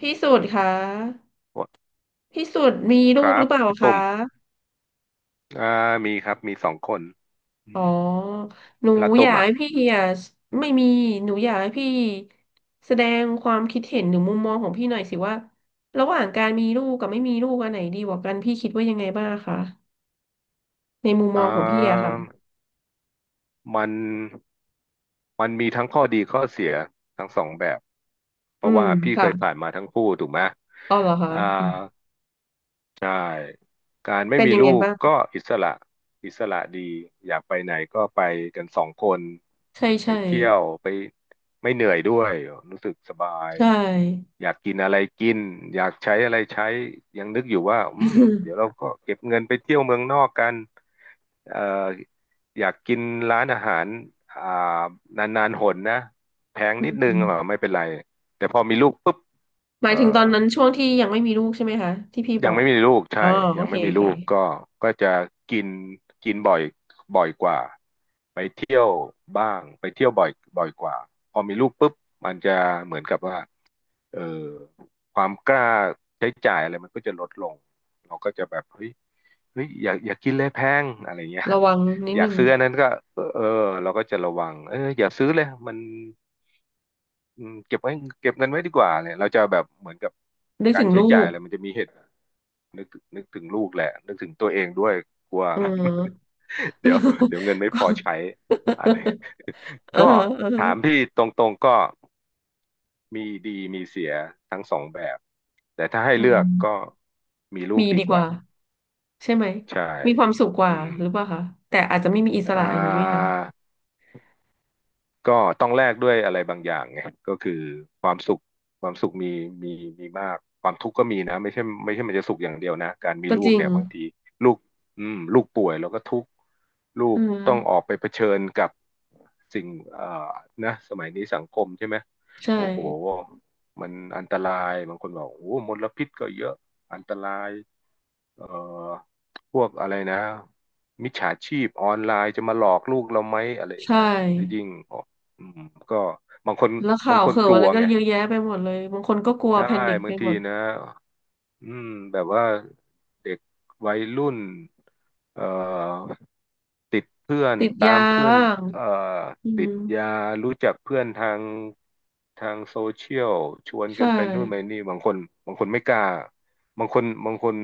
พี่สุดคะพี่สุดมีคลูกรัหรืบอเปล่าคะตุ่มอ่ามีครับมีสองคนอือ๋อมหนูแล้วอตุ่มยากอ่ะให้พี่อ่ะไม่มีหนูอยากให้พี่แสดงความคิดเห็นหรือมุมมองของพี่หน่อยสิว่าระหว่างการมีลูกกับไม่มีลูกอันไหนดีกว่ากันพี่คิดว่ายังไงบ้างคะในมุมมอ่องของพี่อะาค่ะมันมันมีทั้งข้อดีข้อเสียทั้งสองแบบเพอืราะมว่าพี่เคค่ะยผ่านมาทั้งคู่ถูกไหมอ๋อเหรอคะอ่า อืมใช่การไม่เป็นมียังลูไงกบ้างก็อิสระอิสระดีอยากไปไหนก็ไปกันสองคนใช่ไปใช่เที่ยวไปไม่เหนื่อยด้วยรู้สึกสบายใช่ อยากกินอะไรกินอยากใช้อะไรใช้ยังนึกอยู่ว่าอืมเดี๋ยวเรา ก็เก็บเงินไปเที่ยวเมืองนอกกันเอ่ออยากกินร้านอาหารอ่านานๆหนนะแพงอืนิดนึงมอ่ะไม่เป็นไรแต่พอมีลูกปุ๊บหเอมายอ ถึงตอนนั้นช่วงที่ยังไม่มีลูกใช่ไหมคะที่พี่บยังอกไม่มีลูกใช่อ๋อโอยังเคไม่มีโอลูเคกก็ก็จะกินกินบ่อยกว่าไปเที่ยวบ้างไปเที่ยวบ่อยกว่าพอมีลูกปุ๊บมันจะเหมือนกับว่าเออความกล้าใช้จ่ายอะไรมันก็จะลดลงเราก็จะแบบเฮ้ยอย่ากินเลยแพงอะไรเงี้ยระวังนิดอยานึกง ซื้ออันนั้นก็เออเออเราก็จะระวังอย่าซื้อเลยมันเก็บไว้เก็บเงินไว้ดีกว่าเนี่ยเราจะแบบเหมือนกับนึกกาถึรงใช้ลูจ่ายกอะไรมันจะมีเหตุ นึกนึกถึงลูกแหละนึกถึงตัวเองด้วยกลัว เออ เดี๋ยวเดี๋ยวเงินไม่พอใช้อะไร เออก็เออถามพี่ตรงๆก็มีดีมีเสียทั้งสองแบบแต่ถ้าให้อืเลือกก็มมีลูกมีดีดีกกว่าว่าใช่ไหมใช่มีความสุขกว่าอืมหรือเปล่าคะ แต่อาจจะไม่มีอิสอ่ระอย่างนี้ไหมคะ า ก็ต้องแลกด้วยอะไรบางอย่างไงก็คือความสุขความสุขมีมีมากความทุกข์ก็มีนะไม่ใช่ไม่ใช่มันจะสุขอย่างเดียวนะการมีก็ลูจกริงเนี่ยบางทีลูกลูกป่วยแล้วก็ทุกข์ลูอืกต้องออกมไปเผชิญกับสิ่งนะสมัยนี้สังคมใช่ไหมใช่โอ้โหมันอันตรายบางคนบอกโอ้มลพิษก็เยอะอันตราย เอ่อพวกอะไรนะมิจฉาชีพออนไลน์จะมาหลอกลูกเราไหมอะไรอย่างใช่ เงี้ยแต่ยิ่งอออืมก็บางคนแล้วข่าวเข่าวกลัอะไรวก็ไงเยอะแยะไปหมดเลยบางคนก็กลัวใช่แพนิคไปบางหทีมด นะ อืมแบบว่าเด็กวัยรุ่นเอ่อติดเพื่อนติดตายามเพื่อนบ้างเอ่ออืติมดยารู้จักเพื่อนทางโซเชียลชวนใช่กันไปนู่นไปนี่บางคนไม่กล้าบางคนบางคน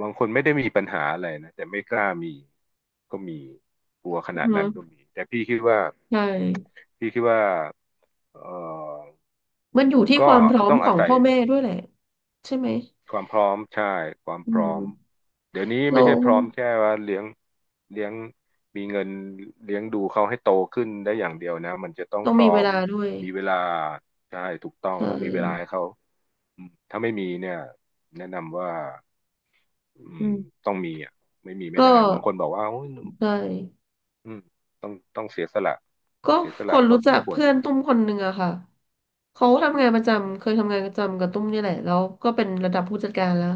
บางคนไม่ได้มีปัญหาอะไรนะแต่ไม่กล้ามีก็มีกลัวขอือนาดฮึนั้นก็มีแต่ใช่ พี่คิดว่าเอ่อมันอยู่ที่คก็วามพร้อมต้องขออางศัพ่ย อแม่ด้วยแหละใช่ไหมความพร้อมใช่ความอืพร้อมมเดี๋ยวนี้เราไม่ใช่พร้อมแค่ว่าเลี้ยงมีเงินเลี้ยงดูเขาให้โตขึ้นได้อย่างเดียวนะมันจะต้องต้องพมีร้อเวมลาด้วย มีเวลาใช่ถูกต้องใช่ต้องมีเวลาให้เขาถ้าไม่มีเนี่ยแนะนำว่าอือืมมต้องมีอ่ะไม่มีไม่ก็ได้บางคนบอกว่าโอ้ยใช่อืมต้องเสียสละก็เสียสคละนพอรู้สจัมกควรเพื่อนตุ้มคนหนึ่งอะค่ะเขาทำงานประจำเคยทำงานประจำกับตุ้มนี่แหละแล้วก็เป็นระดับผู้จัดการแล้ว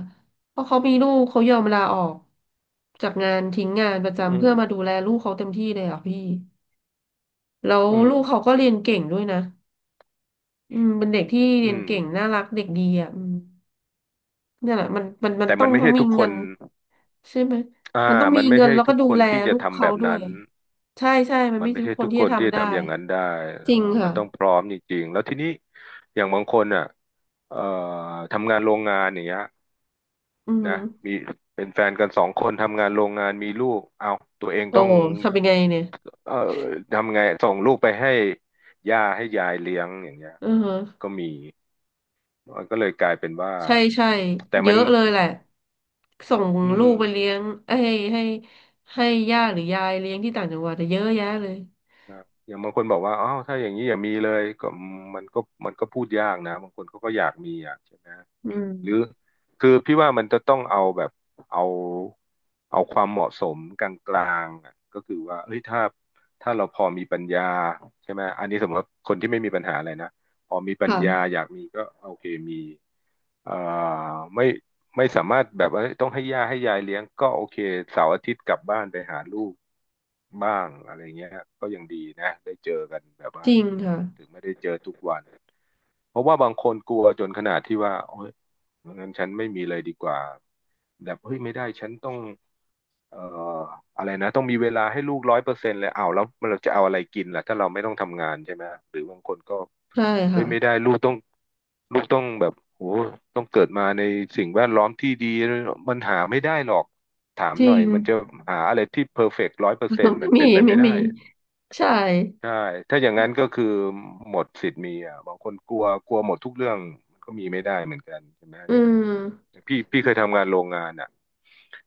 เพราะเขามีลูกเขายอมลาออกจากงานทิ้งงานประจำอืมเพื่อมาดูแลลูกเขาเต็มที่เลยอะพี่แล้วอืมลูกเขาก็เรียนเก่งด้วยนะอืมเป็นเด็กที่เรียอืนมเก่งน่ารักเด็กดีอ่ะอืมเนี่ยแหละมันแต่ต้อมันงไม่ทั้งใช่มีทุกคเงินน ใช่ไหมอ่ามันต้องมีมันไม่เงินใช่แล้วก็ทุกดูคนแลที่จะลูกทำเขาแบบด้วยนั้น ใช่ใช่มันมัไม่นไม่ใช่ทุใช่กคทุนกที่คจะนที่ทำจะได้ทำอย่างนั้นได้จเอริองมัค่ะนต้องพร้อมจริงๆแล้วทีนี้อย่างบางคนอ่ะเอ่อทำงานโรงงานอย่างเงี้ยอืมนะมีเป็นแฟนกันสองคนทำงานโรงงานมีลูกเอาตัวเองโอ้ต้องโหทำยังไงเนี่ยเอ่อทำไงส่งลูกไปให้ย่าให้ยายเลี้ยงอย่างเงี้ยอือฮะก็มีมันก็เลยกลายเป็นว่าใช่ใช่แต่เยมันอะเลยแหละส่งอืลูมกไปเลี้ยงเอ้ยให้ให้ย่าหรือยายเลี้ยงที่ต่างจังหวัดแต่เยอะแยะเลยครับอย่างบางคนบอกว่าอ้าวถ้าอย่างนี้อย่ามีเลยก็มันก็มันก็พูดยากนะ บางคนเขาก็อยากมีอ่ะใช่ไหม อืมหรือคือพี่ว่ามันจะต้องเอาแบบเอาเอาความเหมาะสมกลางๆอะก็คือว่าเฮ้ยถ้าเราพอมีปัญญาใช่ไหมอันนี้สมมติว่าคนที่ไม่มีปัญหาอะไรนะพอมีปัญญาค่ะอยากมีก็โอเคมีเอ่อไม่ไม่สามารถแบบว่าต้องให้ย่าให้ยายเลี้ยงก็โอเคเสาร์อาทิตย์กลับบ้านไปหาลูกบ้างอะไรเงี้ยก็ยังดีนะได้เจอกันแบบจว่าริงค่ะถึงไม่ได้เจอทุกวัน เพราะว่าบางคนกลัวจนขนาดที่ว่าโอ้ยงั้นฉันไม่มีเลยดีกว่าแบบเฮ้ยไม่ได้ฉันต้องเอ่ออะไรนะต้องมีเวลาให้ลูกร้อยเปอร์เซ็นต์เลยอ้าวแล้วเราจะเอาอะไรกินล่ะถ้าเราไม่ต้องทำงานใช่ไหมหรือบางคนก็ใช่เฮ้ค่ะยไม่ได้ลูกต้องแบบโหต้องเกิดมาในสิ่งแวดล้อมที่ดีมันหาไม่ได้หรอกถามจหริน่อยง มันจะหาอะไรที่เพอร์เฟกต์ร้อยเปอร์เซ็นต์มั นไม่มีเป็นไปไม่ไม่ได้ มีใช่ใช่ ถ้าอย่างนั้นก็คือหมดสิทธิ์มีอ่ะบางคนกลัวกลัวหมดทุกเรื่องมันก็มีไม่ได้เหมือนกันใช่ไหมอือย่างมอย่างพี่เคยทำงานโรงงานอ่ะ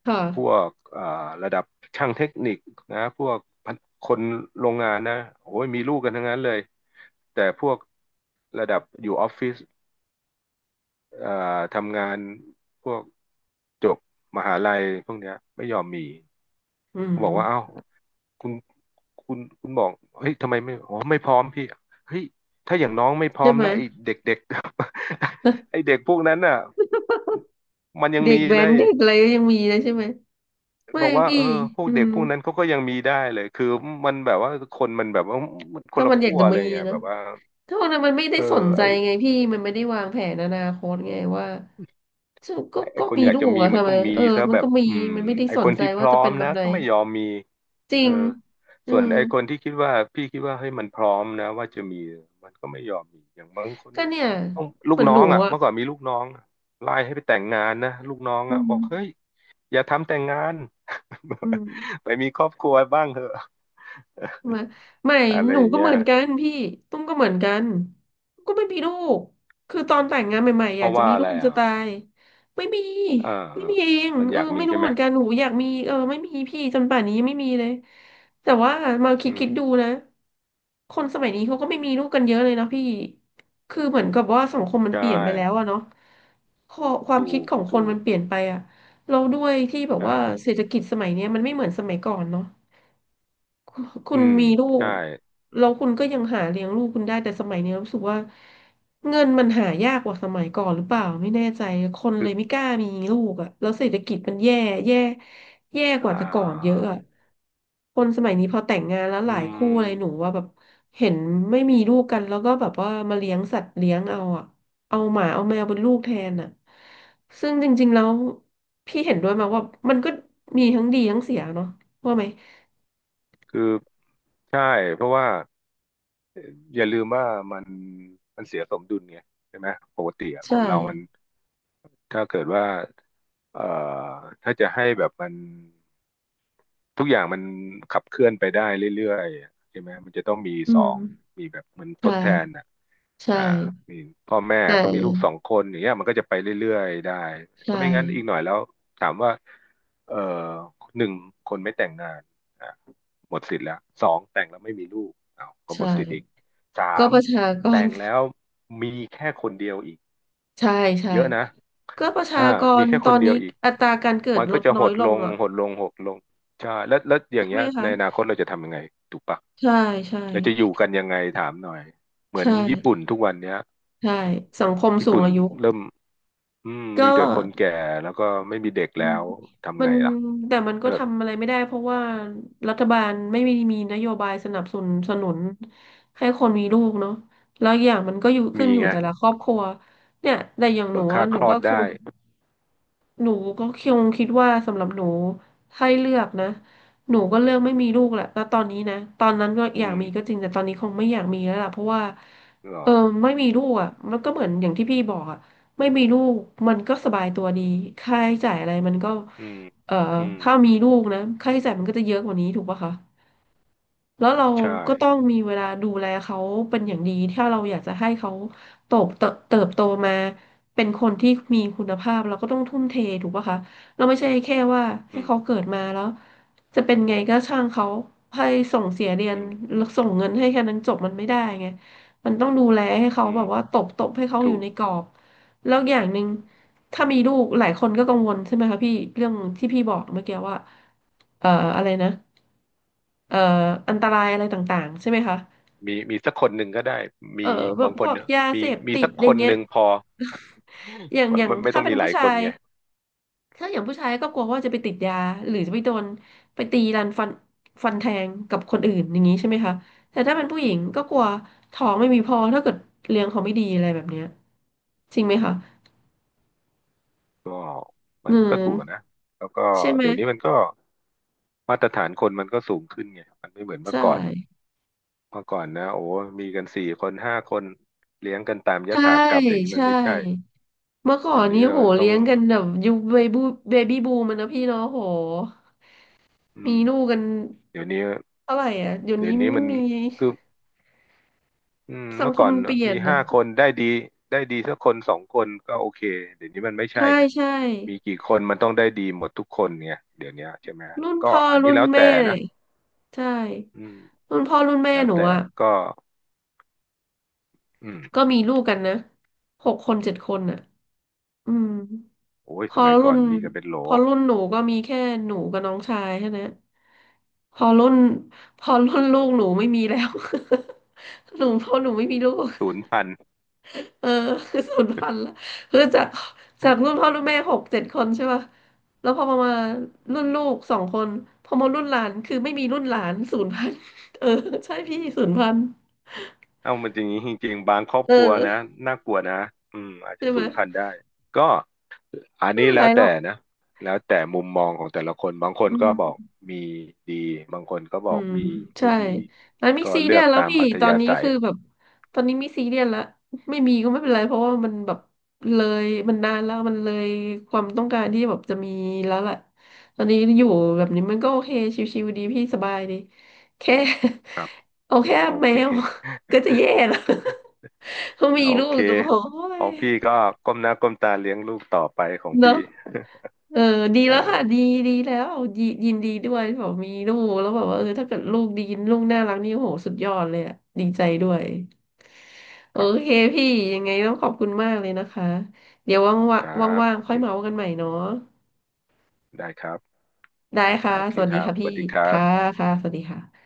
ค่ะพวกระดับช่างเทคนิคนะพวกพันคนโรงงานนะโอ้ยมีลูกกันทั้งนั้นเลย แต่พวกระดับอยู่ออฟฟิศเอ่อทำงานพวกจบมหาลัยพวกเนี้ยไม่ยอมมี อืผมมบอกว่าเอ้าคุณคุณบอกเฮ้ยทำไมไม่อ๋อไม่พร้อมพี่เฮ้ยถ้าอย่างน้องไม่พร้อใช่มไหม แล้วไอ้เด็กๆ ไอ้เด็กพวกนั้นน่ะมันยังเด็มีกแว้เลนยเด็กอะไรก็ยังมีนะใช่ไหมไม่บอกว่าพี่เออพวกอืเด็กมพวกนั้นเขาก็ยังมีได้เลยคือมันแบบว่าคนมันแบบว่ามันคถ้านละมันอยาขั้กวจะอะไรมีเงี้ยนะแบบว่าถ้าวันนั้นมันไม่ได้เอสนใจอ ไงพี่มันไม่ได้วางแผนอนาคตไงว่าฉันก็ไอ้ก็คนมีอยากลูจะกมีอะมันทำไมก็มีเออซะมันแบก็บมีอืมมันไม่ได้ไอ้สคนนใจที่พว่าร้อจะเป็มนแบบนะไหนก็ไม่ยอมมีจริเอองอืส่วนมไอ้คนที่คิดว่าพี่คิดว่าเฮ้ยมันพร้อมนะว่าจะมีมันก็ไม่ยอมมีอย่างบางคนก็เนี่ยเนี่ยต้องลูเหกมือนน้หอนูงอ่ะอะเมื่อก่อนมีลูกน้องไล่ให้ไปแต่งงานนะลูกน้องอือ่ะบมอกเฮ้ยอย่าทำแต่งงาน อืม ไปมีครอบครัวบ้างเถอะ มาไม่ อะไรหนูอย่างก็เงี้เหยมือนกันพี่ตุ้มก็เหมือนกันก็ไม่มีลูกคือตอนแต่งงานใหม่ๆอเพยากราะจะว่ามีอะลูไรกจะอ่ะตายไม่มีอ่าไม่อามีเองมันเอออยากมีไม่รู้ใช่เหไหมมือนกันหนูอยากมีเออไม่มีพี่จนป่านนี้ยังไม่มีเลยแต่ว่ามาคิอืดมคิดดูนะคนสมัยนี้เขาก็ไม่มีลูกกันเยอะเลยนะพี่คือเหมือนกับว่าสังคมมันใช่เปลี่ยนไปแล้วอะเนาะข้อความถูคิดกของคนถูมันกเปลี่ยนไปอะเราด้วยที่แบใชบว่าเศร่ษฐกิจสมัยเนี้ยมันไม่เหมือนสมัยก่อนเนาะ คุณคุอืณมมีลูใช่ ก แล้วคุณก็ยังหาเลี้ยงลูกคุณได้แต่สมัยนี้รู้สึกว่าเงินมันหายากกว่าสมัยก่อนหรือเปล่าไม่แน่ใจคนเลยไม่กล้ามีลูกอ่ะแล้วเศรษฐกิจมันแย่แย่กอ่ว่าแต่ก่อนเยาอะอ่ะคนสมัยนี้พอแต่งงานแล้วหอืลายคู่อะไรหนูมว่าแบบเห็นไม่มีลูกกันแล้วก็แบบว่ามาเลี้ยงสัตว์เลี้ยงเอาอ่ะเอาหมาเอาแมวเป็นลูกแทนอ่ะซึ่งจริงๆแล้วพี่เห็นด้วยมาว่ามันก็มีทั้งดีทั้งเสียเนาะว่าไหมคือใช่ เพราะว่าอย่าลืมว่ามันมันเสียสมดุลไงใช่ไหมปกติอะคใช่ นเรามันถ้าเกิดว่าเอ่อถ้าจะให้แบบมัน ทุกอย่างมันขับเคลื่อนไปได้เรื่อยๆอะใช่ไหมมันจะต้องมีอืสอมงมีแบบเหมือนใทดแทนช่อ่ะใช่อ่ามีพ่อแม่แตก็มีลูก่สองคนอย่างเงี้ยมันก็จะไปเรื่อยๆได้ใช่ถ้าไม่งั้นอีกหน่อยแล้วถามว่าเอ่อหนึ่งคนไม่แต่งงานอ่ะหมดสิทธิ์แล้วสองแต่งแล้วไม่มีลูกอ้าวก็หมใช่ดสิทธิ์อีกสาก็มประชากแต่ร งแล้วมีแค่คนเดียวอีก ใช่ใช่เยอะนะก็ประชาอ่ากมีรแค่ตคอนนเดียนี้วอีก อัตราการเกิดมันลก็ดจะน้หอยดลลงงอ่ะหดลงหดลงใช่แล้วแล้วอย่าใช่งไหเงี้มยคะในอนาคตเราจะทำยังไงถูกปะใช่ใช่เราจะอยู่กันยังไงถามหน่อยเหมือนใช่ญี่ปุ่นทุกวันเนี้ยใช่สังคมญี่สูงปุ่นอายุเริ่มอืมก็มีแต่คนแก่แล้วก็ไม่มีเด็กอืแล้มวทำมัไงนล่ะแต่มันเอก็อทำอะไรไม่ได้เพราะว่ารัฐบาลไม่มีมีนโยบายสนับสนุนให้คนมีลูกเนาะแล้วอย่างมันก็อยู่ขึ้มีนอยู่ไงแต่ละครอบครัวเนี่ยแต่อย่างหนูเบิกอะค่าหคนูลอก็ดคง ได้หนูก็คงคิดว่าสำหรับหนูให้เลือกนะหนูก็เลือกไม่มีลูกแหละณตอนนี้นะตอนนั้นก็อยาอืกมมีก็จริงแต่ตอนนี้คงไม่อยากมีแล้วล่ะเพราะว่าเหรอเออไม่มีลูกอ่ะมันก็เหมือนอย่างที่พี่บอกอ่ะไม่มีลูกมันก็สบายตัวดีค่าใช้จ่ายอะไรมันก็อืมเอ่ออืมถ้ามีลูกนะค่าใช้จ่ายมันก็จะเยอะกว่านี้ถูกปะคะ แล้วเราใช่ก็ต้องมีเวลาดูแลเขาเป็นอย่างดีถ้าเราอยากจะให้เขาโตบเติบเติบโตมาเป็นคนที่มีคุณภาพเราก็ต้องทุ่มเทถูกปะคะเราไม่ใช่แค่ว่าให้อืมเขาเกิดมาแล้วจะเป็นไงก็ช่างเขาให้ส่งเสียเรียอืนมแล้วส่งเงินให้แค่นั้นจบมันไม่ได้ไงมันต้องดูแลให้เขาอืแบบว่ามตบให้เขาอถูยู่กในกรอบแล้วอย่างหนึ่งถ้ามีลูกหลายคนก็กังวลใช่ไหมคะพี่เรื่องที่พี่บอกเมื่อกี้ว่าเอ่ออะไรนะ เอ่ออันตรายอะไรต่างๆใช่ไหมคะมีสักคนหนึ่งก็ได้เออมีแบบาบงคพนวกเนี่ยยามีเสพมีติดสักอคย่างนเงี้หย นึ่งพอ ไม่อย่างไม่ไม่ถ้าต้องเป็นมีหลาผู้ยชาคนยไง ถ้าอย่างผู้ชายก็กลัวว่าจะไปติดยาหรือจะไปโดนไปตีรันฟันแทงกับคนอื่นอย่างนี้ใช่ไหมคะแต่ถ้าเป็นผู้หญิงก็กลัวท้องไม่มีพอถ้าเกิดเลี้ยงเขาไม่ดีอะไรแบบเนี้ยจริงไหมคะก็มันเงิก็ถูนกอะนะแล้วก็ใช่ไหมเดี๋ยวนี้มันก็มาตรฐานคนมันก็สูงขึ้นไงมันไม่เหมือนเมื่อใช่ก่อนเมื่อก่อนนะโอ้มีกันสี่คนห้าคนเลี้ยงกันตามยใช่ถากรรมเดี๋ยวนี้มันใช่ไม่ใช่เมื่อก่อเดี๋ยนวนี้นี้เราโหต้องเลี้ยงกันแบบยุคเบบี้บูมันนะพี่เนาะโห อืมีมลูกกันเดี๋ยวนี้เท่าไหร่อ่ะเดี๋ยวเดี๋ยนี้วนี้ไม่มันมีคืออืมสังเมื่อคก่มอนมันเปลี่ยมีนห้านะคนได้ดีได้ดีสักคนสองคนก็โอเคเดี๋ยวนี้มันไม่ใช่ใช่ไงใช่มีกี่คนมันต้องได้ดีหมดทุกคนไงเดี๋ยวนี้ใช่ไหมรุ่นก็พ่ออันนี้รุ่นแล้วแม่แต่เลนะยใช่อืมรุ่นพ่อรุ่นแม่แล้วหนูแต่อ่ะก็อืก็ม มีลูกกันนะหกคนเจ็ดคนอ่ะอืมโอ้ยพสอมัยรุ่ก่อนนมีกันเป็นโหลพอรุ่นหนูก็มีแค่หนูกับน้องชายแค่นั้นพอรุ่นพอรุ่นลูกหนูไม่มีแล้ว หนูพอหนูไม่มีลูก ศูนย์พันเออ คือสูญพันธุ์ละคือจากจากรุ่นพ่อรุ่นแม่หกเจ็ดคนใช่ป่ะแล้วพอมารุ่นลูกสองคนพอมารุ่นหลานคือไม่มีรุ่นหลานสูญพันธุ์เออใช่พี่สูญพันธุ์เอ้ามันจริงจริงๆบางครอบเอครัวอนะน่ากลัวนะอืมอาจใช่จะไหมศูนย์พันได้ก็อันไม่นี้เป็นแล้ไรวหรอแต่กนะแล้วแต่มุมมองของแต่ละคนบางคอืนก็บอกม มีดีบางคนก็บอือกมมีใช่ไม่ดีแล้วมีก็ซีเลืเรียอสกแล้วตามพี่อัธตอนยานี้ศัยคือแบบตอนนี้มีซีเรียสแล้วไม่มีก็ไม่เป็นไรเพราะว่ามันแบบเลยมันนานแล้วมันเลยความต้องการที่แบบจะมีแล้วแหละตอนนี้อยู่แบบนี้มันก็โอเคชิวๆดีพี่สบายดีแค่ ครับ เอาแค่โอแมเคว ก็จะแย่แล้ว เขามีโอลูกเคก็โอ้ขย องพี่ก็ก้มหน้าก้มตาเลี้ยงลูกต่อไปของเนอะพี่ เออ ดีแล้วค่ะ เออดีดีแล้วดียินดีด้วย บอกมีลูก แล้วแบบว่าเออถ้าเกิดลูกดีลูกน่ารักนี่โหสุดยอดเลยอะดีใจด้วยโอครับเคพี่ยังไงต้องขอบคุณมากเลยนะคะ เดี๋ยวว่างวครั่างบว่างโอๆค่อเคยเมาส์กันใหม่เนาะได้ครับได้ค่ะโอเคสวัสคดีรับค่ะสพี่ วัสดีครับค่ะค่ะสวัสดีค่ะ